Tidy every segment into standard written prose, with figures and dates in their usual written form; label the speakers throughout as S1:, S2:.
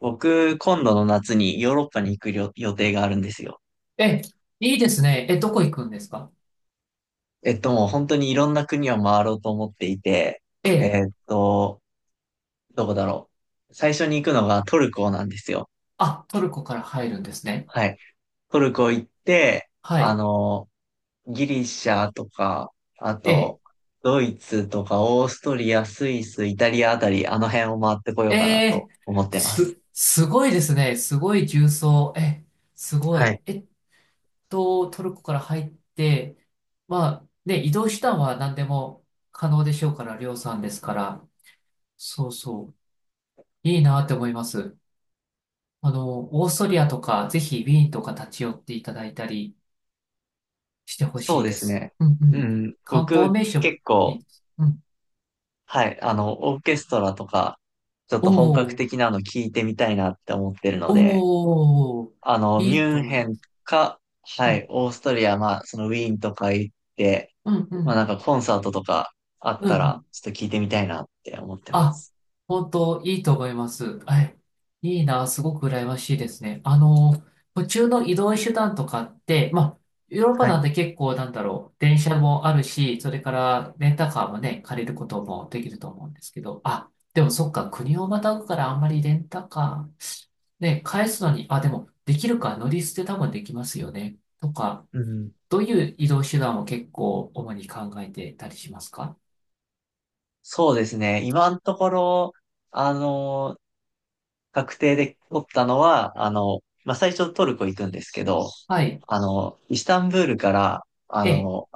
S1: 僕、今度の夏にヨーロッパに行く予定があるんですよ。
S2: え、いいですね。え、どこ行くんですか？
S1: もう本当にいろんな国を回ろうと思っていて、
S2: ええ、
S1: えっと、どこだろう。最初に行くのがトルコなんですよ。
S2: あ、トルコから入るんですね。
S1: はい。トルコ行って、
S2: はい。
S1: ギリシャとか、あ
S2: え
S1: と、ドイツとか、オーストリア、スイス、イタリアあたり、あの辺を回ってこ
S2: え、
S1: よう
S2: え
S1: かな
S2: え、
S1: と思ってま
S2: す、
S1: す。
S2: すごいですね。すごい重装え、すご
S1: は
S2: い。
S1: い。
S2: トルコから入って、まあ、ね、移動手段は何でも可能でしょうから、りょうさんですから。そうそう。いいなって思います。あの、オーストリアとか、ぜひウィーンとか立ち寄っていただいたりしてほ
S1: そ
S2: し
S1: う
S2: い
S1: で
S2: で
S1: す
S2: す。
S1: ね。
S2: うんう
S1: う
S2: ん。
S1: ん。
S2: 観光
S1: 僕、
S2: 名所も
S1: 結
S2: いい
S1: 構、
S2: です。うん、
S1: はい、オーケストラとか、ちょっ
S2: お
S1: と本格
S2: お、
S1: 的なの聞いてみたいなって思ってるので、
S2: おお、
S1: ミ
S2: いい
S1: ュ
S2: と
S1: ン
S2: 思い
S1: ヘ
S2: ま
S1: ン
S2: す。
S1: か、は
S2: う
S1: い、
S2: ん、
S1: オーストリア、まあ、そのウィーンとか行って、
S2: うん、う
S1: まあ
S2: ん、
S1: なんかコンサートとかあっ
S2: うん、
S1: た
S2: う
S1: ら、
S2: ん。
S1: ちょっと聞いてみたいなって思ってま
S2: あ、
S1: す。
S2: 本当、いいと思います。はい。いいな、すごく羨ましいですね。あの、途中の移動手段とかって、まあ、ヨーロッパ
S1: は
S2: な
S1: い。
S2: んて結構、なんだろう、電車もあるし、それからレンタカーもね、借りることもできると思うんですけど、あ、でもそっか、国をまたぐからあんまりレンタカー、ね、返すのに、あ、でも、できるか、乗り捨て多分できますよね、とか。
S1: うん。
S2: どういう移動手段を結構主に考えてたりしますか？
S1: そうですね。今のところ、あの、確定で取ったのは、まあ最初トルコ行くんですけど、
S2: はい。
S1: イスタンブールから、あ
S2: え、
S1: の、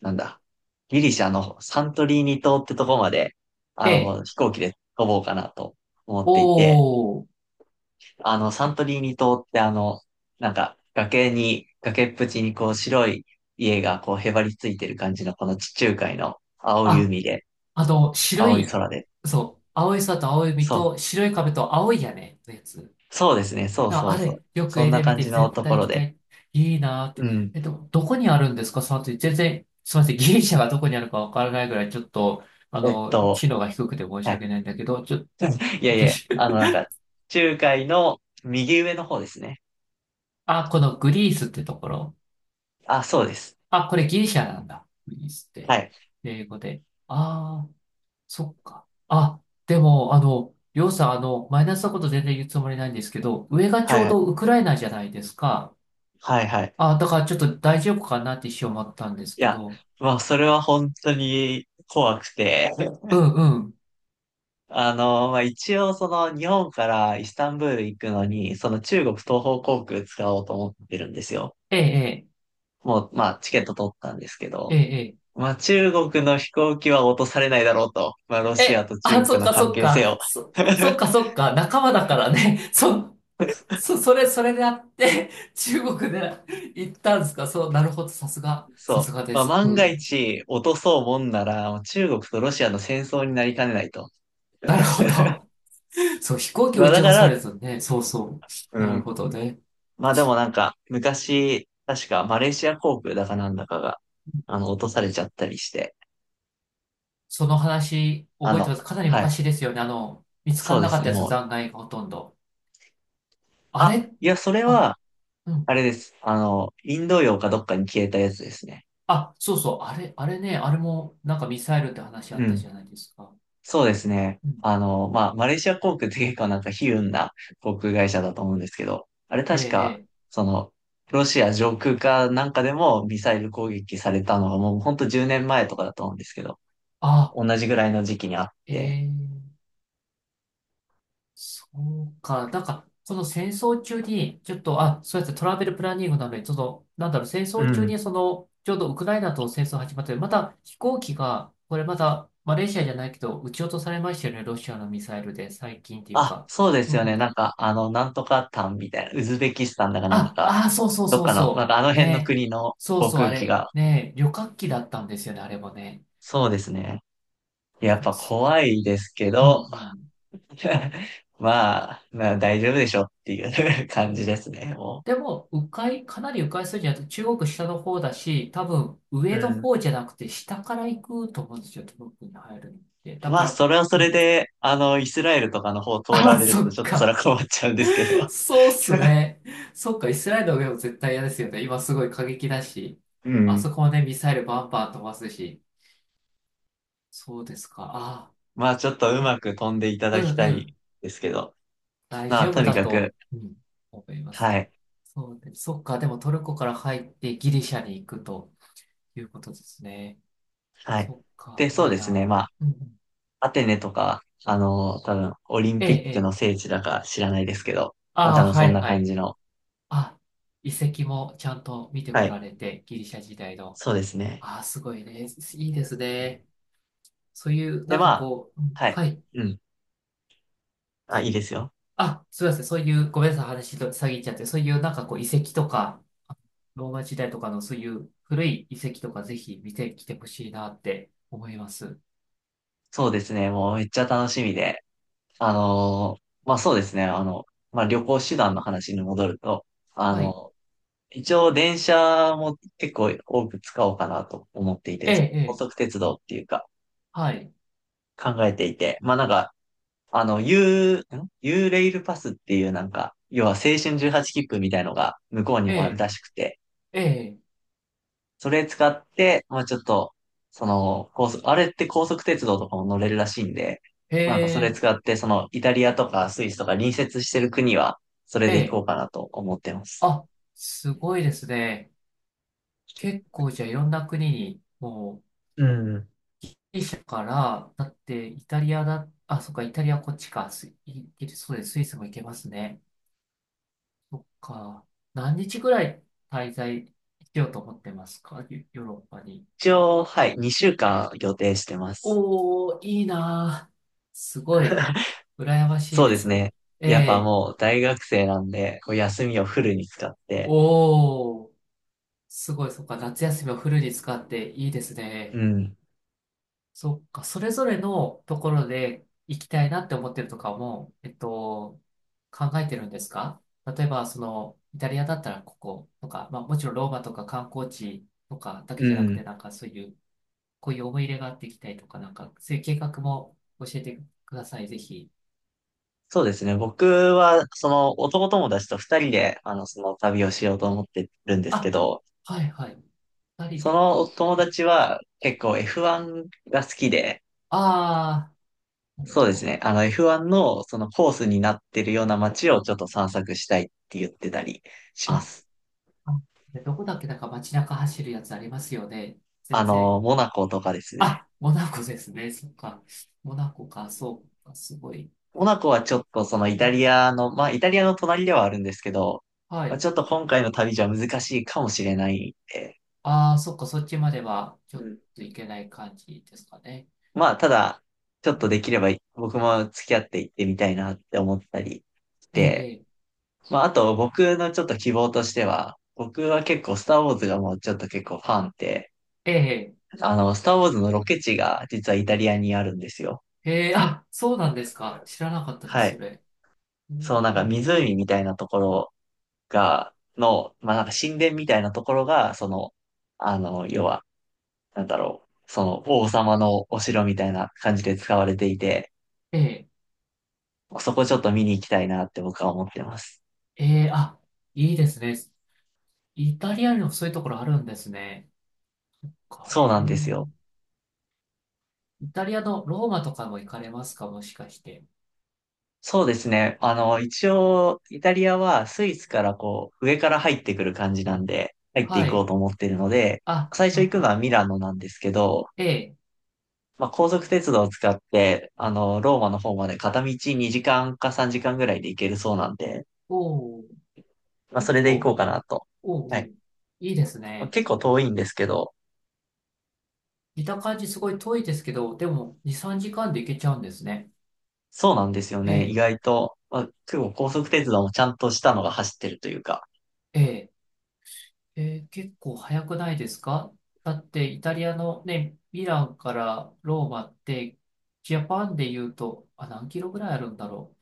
S1: なんだ、ギリシャのサントリーニ島ってとこまで、
S2: え、
S1: 飛行機で飛ぼうかなと思っていて、
S2: おー。
S1: サントリーニ島ってなんか、崖っぷちにこう白い家がこうへばりついてる感じのこの地中海の青い
S2: あ、
S1: 海で、
S2: あと、白
S1: 青い
S2: い、
S1: 空で。
S2: そう、青い空と青い海
S1: そう、
S2: と白い壁と青い屋根のやつ。
S1: そうですね、そう
S2: あ、
S1: そ
S2: あ
S1: うそう。
S2: れ、よく
S1: そん
S2: 絵
S1: な
S2: で見
S1: 感
S2: て
S1: じの
S2: 絶
S1: と
S2: 対
S1: こ
S2: 行
S1: ろ
S2: きた
S1: で。
S2: い。いいなーっ
S1: う
S2: て。
S1: ん。
S2: どこにあるんですか？その後、全然、すみません。ギリシャがどこにあるかわからないぐらい、ちょっと、あ
S1: えっ
S2: の、
S1: と、
S2: 知能が低くて申し
S1: はい。
S2: 訳ないんだけど、
S1: いや
S2: ギ
S1: い
S2: リ
S1: や、
S2: シャ、
S1: なんか、中海の右上の方ですね。
S2: あ、このグリースってところ。
S1: あ、そうです。
S2: あ、これギリシャなんだ。グリースっ
S1: は
S2: て。
S1: い。
S2: 英語で。ああ、そっか。あ、でも、あの、りょうさん、あの、マイナスなこと全然言うつもりないんですけど、上がち
S1: はい
S2: ょう
S1: はい。
S2: どウクライナじゃないですか。
S1: はいはい。
S2: あ、だからちょっと大丈夫かなって一瞬思ったんです
S1: い
S2: け
S1: や、
S2: ど。
S1: まあ、それは本当に怖くて、
S2: うんうん。
S1: まあ、一応、その、日本からイスタンブール行くのに、その中国東方航空使おうと思ってるんですよ。
S2: ええ、
S1: もう、まあ、チケット取ったんですけ
S2: え
S1: ど、
S2: え、
S1: まあ、中国の飛行機は落とされないだろうと。まあ、ロ
S2: ええ。
S1: シア
S2: え、
S1: と
S2: あ、
S1: 中
S2: そ
S1: 国
S2: っ
S1: の
S2: か
S1: 関
S2: そっ
S1: 係
S2: か。
S1: 性を。
S2: そっかそっか。仲間だからね。それであって、中国で行ったんですか？そう、なるほど。さすが、さ
S1: そう。
S2: すがで
S1: まあ、
S2: す。
S1: 万が
S2: うん。
S1: 一落とそうもんなら、中国とロシアの戦争になりかねないと。
S2: なる ほど。そう、飛行機を
S1: まあ、
S2: 撃ち
S1: だ
S2: 落
S1: か
S2: とさ
S1: ら、
S2: れたね。そうそう。
S1: う
S2: なる
S1: ん。
S2: ほどね。
S1: まあでもなんか、昔、確かマレーシア航空だかなんだかが、落とされちゃったりして、
S2: その話、
S1: あ
S2: 覚えて
S1: の、
S2: ます。かなり
S1: はい。
S2: 昔ですよね。あの、見つか
S1: そ
S2: ら
S1: うで
S2: な
S1: す
S2: かっ
S1: ね、
S2: たやつ、
S1: もう。
S2: 残骸がほとんど。あ
S1: あ、
S2: れ、
S1: いや、それ
S2: あ、
S1: は、
S2: う
S1: あ
S2: ん。
S1: れです。インド洋かどっかに消えたやつですね。
S2: あ、そうそう。あれ、あれね、あれも、なんかミサイルって話あ
S1: う
S2: った
S1: ん。
S2: じゃないですか。
S1: そうですね。
S2: うん。
S1: まあ、マレーシア航空って結構なんか悲運な航空会社だと思うんですけど、あれ
S2: ええ、
S1: 確
S2: え
S1: か、
S2: え。
S1: その、ロシア上空かなんかでもミサイル攻撃されたのがもうほんと10年前とかだと思うんですけど、
S2: あ、
S1: 同じぐらいの時期にあっ
S2: え
S1: て、
S2: え。そうか。なんか、その戦争中に、ちょっと、あ、そうやってトラベルプランニングなので、ちょっとなんだろう、戦
S1: う
S2: 争中
S1: ん。
S2: に、その、ちょうどウクライナと戦争始まって、また飛行機が、これまた、マレーシアじゃないけど、撃ち落とされましたよね、ロシアのミサイルで、最近っていう
S1: あ、
S2: か。
S1: そうで
S2: う
S1: す
S2: ん
S1: よ
S2: う
S1: ね。な
S2: ん。
S1: んか、なんとかタンみたいな、ウズベキスタンだかなんだ
S2: あ、
S1: か、
S2: あー、そうそう
S1: どっ
S2: そう
S1: かの、なん
S2: そ
S1: かあの
S2: う。
S1: 辺の
S2: ね。
S1: 国の
S2: そう
S1: 航
S2: そう、あ
S1: 空機
S2: れ、
S1: が、
S2: ね、旅客機だったんですよね、あれもね。
S1: そうですね。
S2: い
S1: や
S2: や
S1: っ
S2: でも
S1: ぱ
S2: す
S1: 怖いですけ
S2: うんう
S1: ど、
S2: ん。
S1: まあ、まあ大丈夫でしょっていう 感じですね、も
S2: でも、迂回、かなり迂回するんじゃなくて、中国下の方だし、多分
S1: う。う
S2: 上の
S1: ん。
S2: 方じゃなくて下から行くと思うんですよ、東北に入るのって。だ
S1: ま
S2: か
S1: あ、
S2: ら、
S1: それはそ
S2: う
S1: れ
S2: ん。
S1: で、イスラエルとかの方 通ら
S2: あ、
S1: れる
S2: そ
S1: と、
S2: っ
S1: ちょっとそれ
S2: か。
S1: は困っちゃうんですけど。
S2: そうっす ね。そっか、イスラエルの上も絶対嫌ですよね。今すごい過激だし、
S1: う
S2: あそ
S1: ん。
S2: こもね、ミサイルバンバン飛ばすし。そうですか。ああ、
S1: まあ、ちょっとうまく飛んでいた
S2: う
S1: だき
S2: んう
S1: たい
S2: ん。
S1: ですけど。
S2: 大
S1: まあ、
S2: 丈
S1: と
S2: 夫
S1: に
S2: だ
S1: かく、
S2: と、うん、思います
S1: は
S2: けど。
S1: い。
S2: そうで、そっか、でもトルコから入ってギリシャに行くということですね。
S1: はい。
S2: そっか、
S1: で、そう
S2: いい
S1: ですね。
S2: な。
S1: まあ
S2: うんうん。
S1: アテネとか、多分、オリン
S2: ええ、
S1: ピッ
S2: え
S1: クの
S2: え。
S1: 聖地だか知らないですけど、まあ
S2: あ
S1: 多
S2: あ、
S1: 分
S2: は
S1: そん
S2: い、
S1: な
S2: は
S1: 感
S2: い。
S1: じの。
S2: あ、遺跡もちゃんと見て
S1: は
S2: こら
S1: い。
S2: れて、ギリシャ時代の。
S1: そうですね。
S2: ああ、すごいね。いいですね。そういう、な
S1: で、
S2: ん
S1: ま
S2: か
S1: あ、
S2: こう、うん、
S1: はい。
S2: はい。
S1: うん。あ、いいですよ。
S2: あ、すみません。そういう、ごめんなさい。話と遮っちゃって、そういう、なんかこう、遺跡とか、ローマ時代とかのそういう古い遺跡とか、ぜひ見てきてほしいなって思います。
S1: そうですね。もうめっちゃ楽しみで。まあそうですね。まあ旅行手段の話に戻ると、あ
S2: はい。
S1: の、一応電車も結構多く使おうかなと思っていて、
S2: ええ、え
S1: 高
S2: え。
S1: 速鉄道っていうか
S2: はい。
S1: 考えていて、まあなんかあの、U、ん U レイルパスっていうなんか、要は青春18切符みたいのが向こうに
S2: え
S1: もある
S2: え、
S1: らしくて、
S2: ええ。
S1: それ使って、まあちょっと、その、高速、あれって高速鉄道とかも乗れるらしいんで、
S2: へ
S1: なんかそれ
S2: え、
S1: 使って、その、イタリアとかスイスとか隣接してる国は、それ
S2: え
S1: で行こ
S2: え。
S1: うかなと思ってます。
S2: あ、すごいですね。結構じゃあいろんな国に、もう、
S1: うん。
S2: ギリシャから、だってイタリアだ、あ、そっか、イタリアこっちか、スイ、イギリスそうです、スイスも行けますね。そっか、何日ぐらい滞在しようと思ってますか、ヨーロッパに？
S1: 一応、はい、2週間予定してます。
S2: おー、いいなー。すごい、羨ましい
S1: そう
S2: で
S1: です
S2: す。
S1: ね。
S2: え
S1: やっぱ
S2: え、
S1: もう大学生なんで、こう休みをフルに使って、
S2: おー、すごい、そっか、夏休みをフルに使っていいです
S1: う
S2: ね。
S1: ん、
S2: そっか、それぞれのところで行きたいなって思ってるとかも、考えてるんですか？例えば、その、イタリアだったらこことか、まあもちろんローマとか観光地とかだ
S1: う
S2: けじゃなくて、
S1: ん。
S2: なんかそういう、こういう思い入れがあって行きたいとか、なんかそういう計画も教えてください、ぜひ。
S1: そうですね。僕は、その男友達と二人で、その旅をしようと思ってるんですけ
S2: あ、
S1: ど、
S2: はいはい。二人
S1: そ
S2: で。
S1: の友達は結構 F1 が好きで、
S2: ああー、なる
S1: そう
S2: ほ
S1: です
S2: ど。
S1: ね。あの F1 のそのコースになってるような街をちょっと散策したいって言ってたりしま
S2: あ、
S1: す。
S2: あでどこだっけ、なんか街中走るやつありますよね。全然。
S1: モナコとかですね。
S2: あ、モナコですね。そっか。モナコか、そうか、すごい。
S1: モナコはちょっとそのイ
S2: う
S1: タ
S2: ん、
S1: リアの、まあイタリアの隣ではあるんですけど、
S2: は
S1: まあ、ち
S2: い。
S1: ょっと今回の旅じゃ難しいかもしれないんで、
S2: ああ、そっか、そっちまでは、ちょっと行けない感じですかね。
S1: まあ、ただ、ちょっとできれば僕も付き合っていってみたいなって思ったりし
S2: え
S1: て、
S2: え、
S1: まあ、あと僕のちょっと希望としては、僕は結構スターウォーズがもうちょっと結構ファンで、
S2: ええ、
S1: スターウォーズのロケ地が実はイタリアにあるんですよ。
S2: ええ、ええ、あ、そうなんですか。知らなかったで
S1: は
S2: す、そ
S1: い。
S2: れ。うん、
S1: そう、なんか湖みたいなところが、まあ、なんか神殿みたいなところが、その、要は、なんだろう、その王様のお城みたいな感じで使われていて、
S2: ええ、
S1: そこちょっと見に行きたいなって僕は思ってます。
S2: ええ、あ、いいですね。イタリアにもそういうところあるんですね。え
S1: そうな
S2: え、
S1: んですよ。
S2: イタリアのローマとかも行かれますか、もしかして？
S1: そうですね。一応、イタリアはスイスからこう、上から入ってくる感じなんで、入ってい
S2: は
S1: こう
S2: い。
S1: と思ってるので、
S2: あ、
S1: 最初
S2: あ、
S1: 行くの
S2: あ、
S1: はミラノなんですけど、
S2: ええ、
S1: まあ、高速鉄道を使って、ローマの方まで片道2時間か3時間ぐらいで行けるそうなんで、
S2: おお、
S1: まあ、そ
S2: 結
S1: れで行
S2: 構、
S1: こうかなと。
S2: お
S1: は
S2: うお
S1: い。
S2: う、いいです
S1: まあ
S2: ね。
S1: 結構遠いんですけど、
S2: 見た感じすごい遠いですけど、でも2、3時間で行けちゃうんですね。
S1: そうなんですよ
S2: え
S1: ね。意
S2: え、
S1: 外と、まあ、結構高速鉄道もちゃんとしたのが走ってるというか。
S2: ええ、ええ、結構早くないですか？だってイタリアのね、ミランからローマって、ジャパンで言うと、あ、何キロぐらいあるんだろ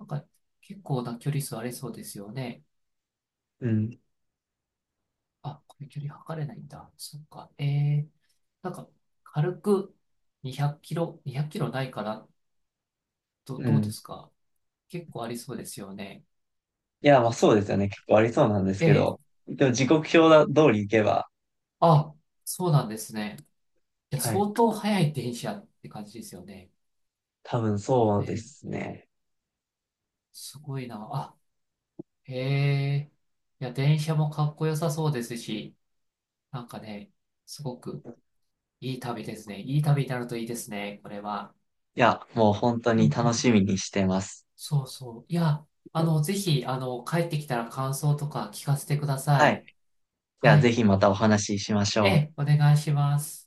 S2: う。なんか結構な距離数ありそうですよね。
S1: うん、
S2: あ、これ距離測れないんだ。そっか。ええ、なんか軽く200キロ、2 0キロないかな。
S1: う
S2: どうで
S1: ん。
S2: すか？結構ありそうですよね。
S1: いや、まあそうですよね。結構ありそうなんです
S2: え
S1: け
S2: え。
S1: ど。でも時刻表だ通り行けば、
S2: あ、そうなんですね。いや、
S1: はい。
S2: 相当早い電車って感じですよね。
S1: 多分そう
S2: え
S1: で
S2: え。
S1: すね。
S2: すごいな。あ、へえ。いや、電車もかっこよさそうですし、なんかね、すごくいい旅ですね。いい旅になるといいですね、これは。
S1: いや、もう本当
S2: う
S1: に
S2: んう
S1: 楽し
S2: ん。
S1: みにしてます。
S2: そうそう。いや、あの、ぜひ、あの、帰ってきたら感想とか聞かせてくださ
S1: はい。
S2: い。
S1: じゃあ
S2: は
S1: ぜ
S2: い。
S1: ひまたお話ししまし
S2: え
S1: ょう。
S2: え、お願いします。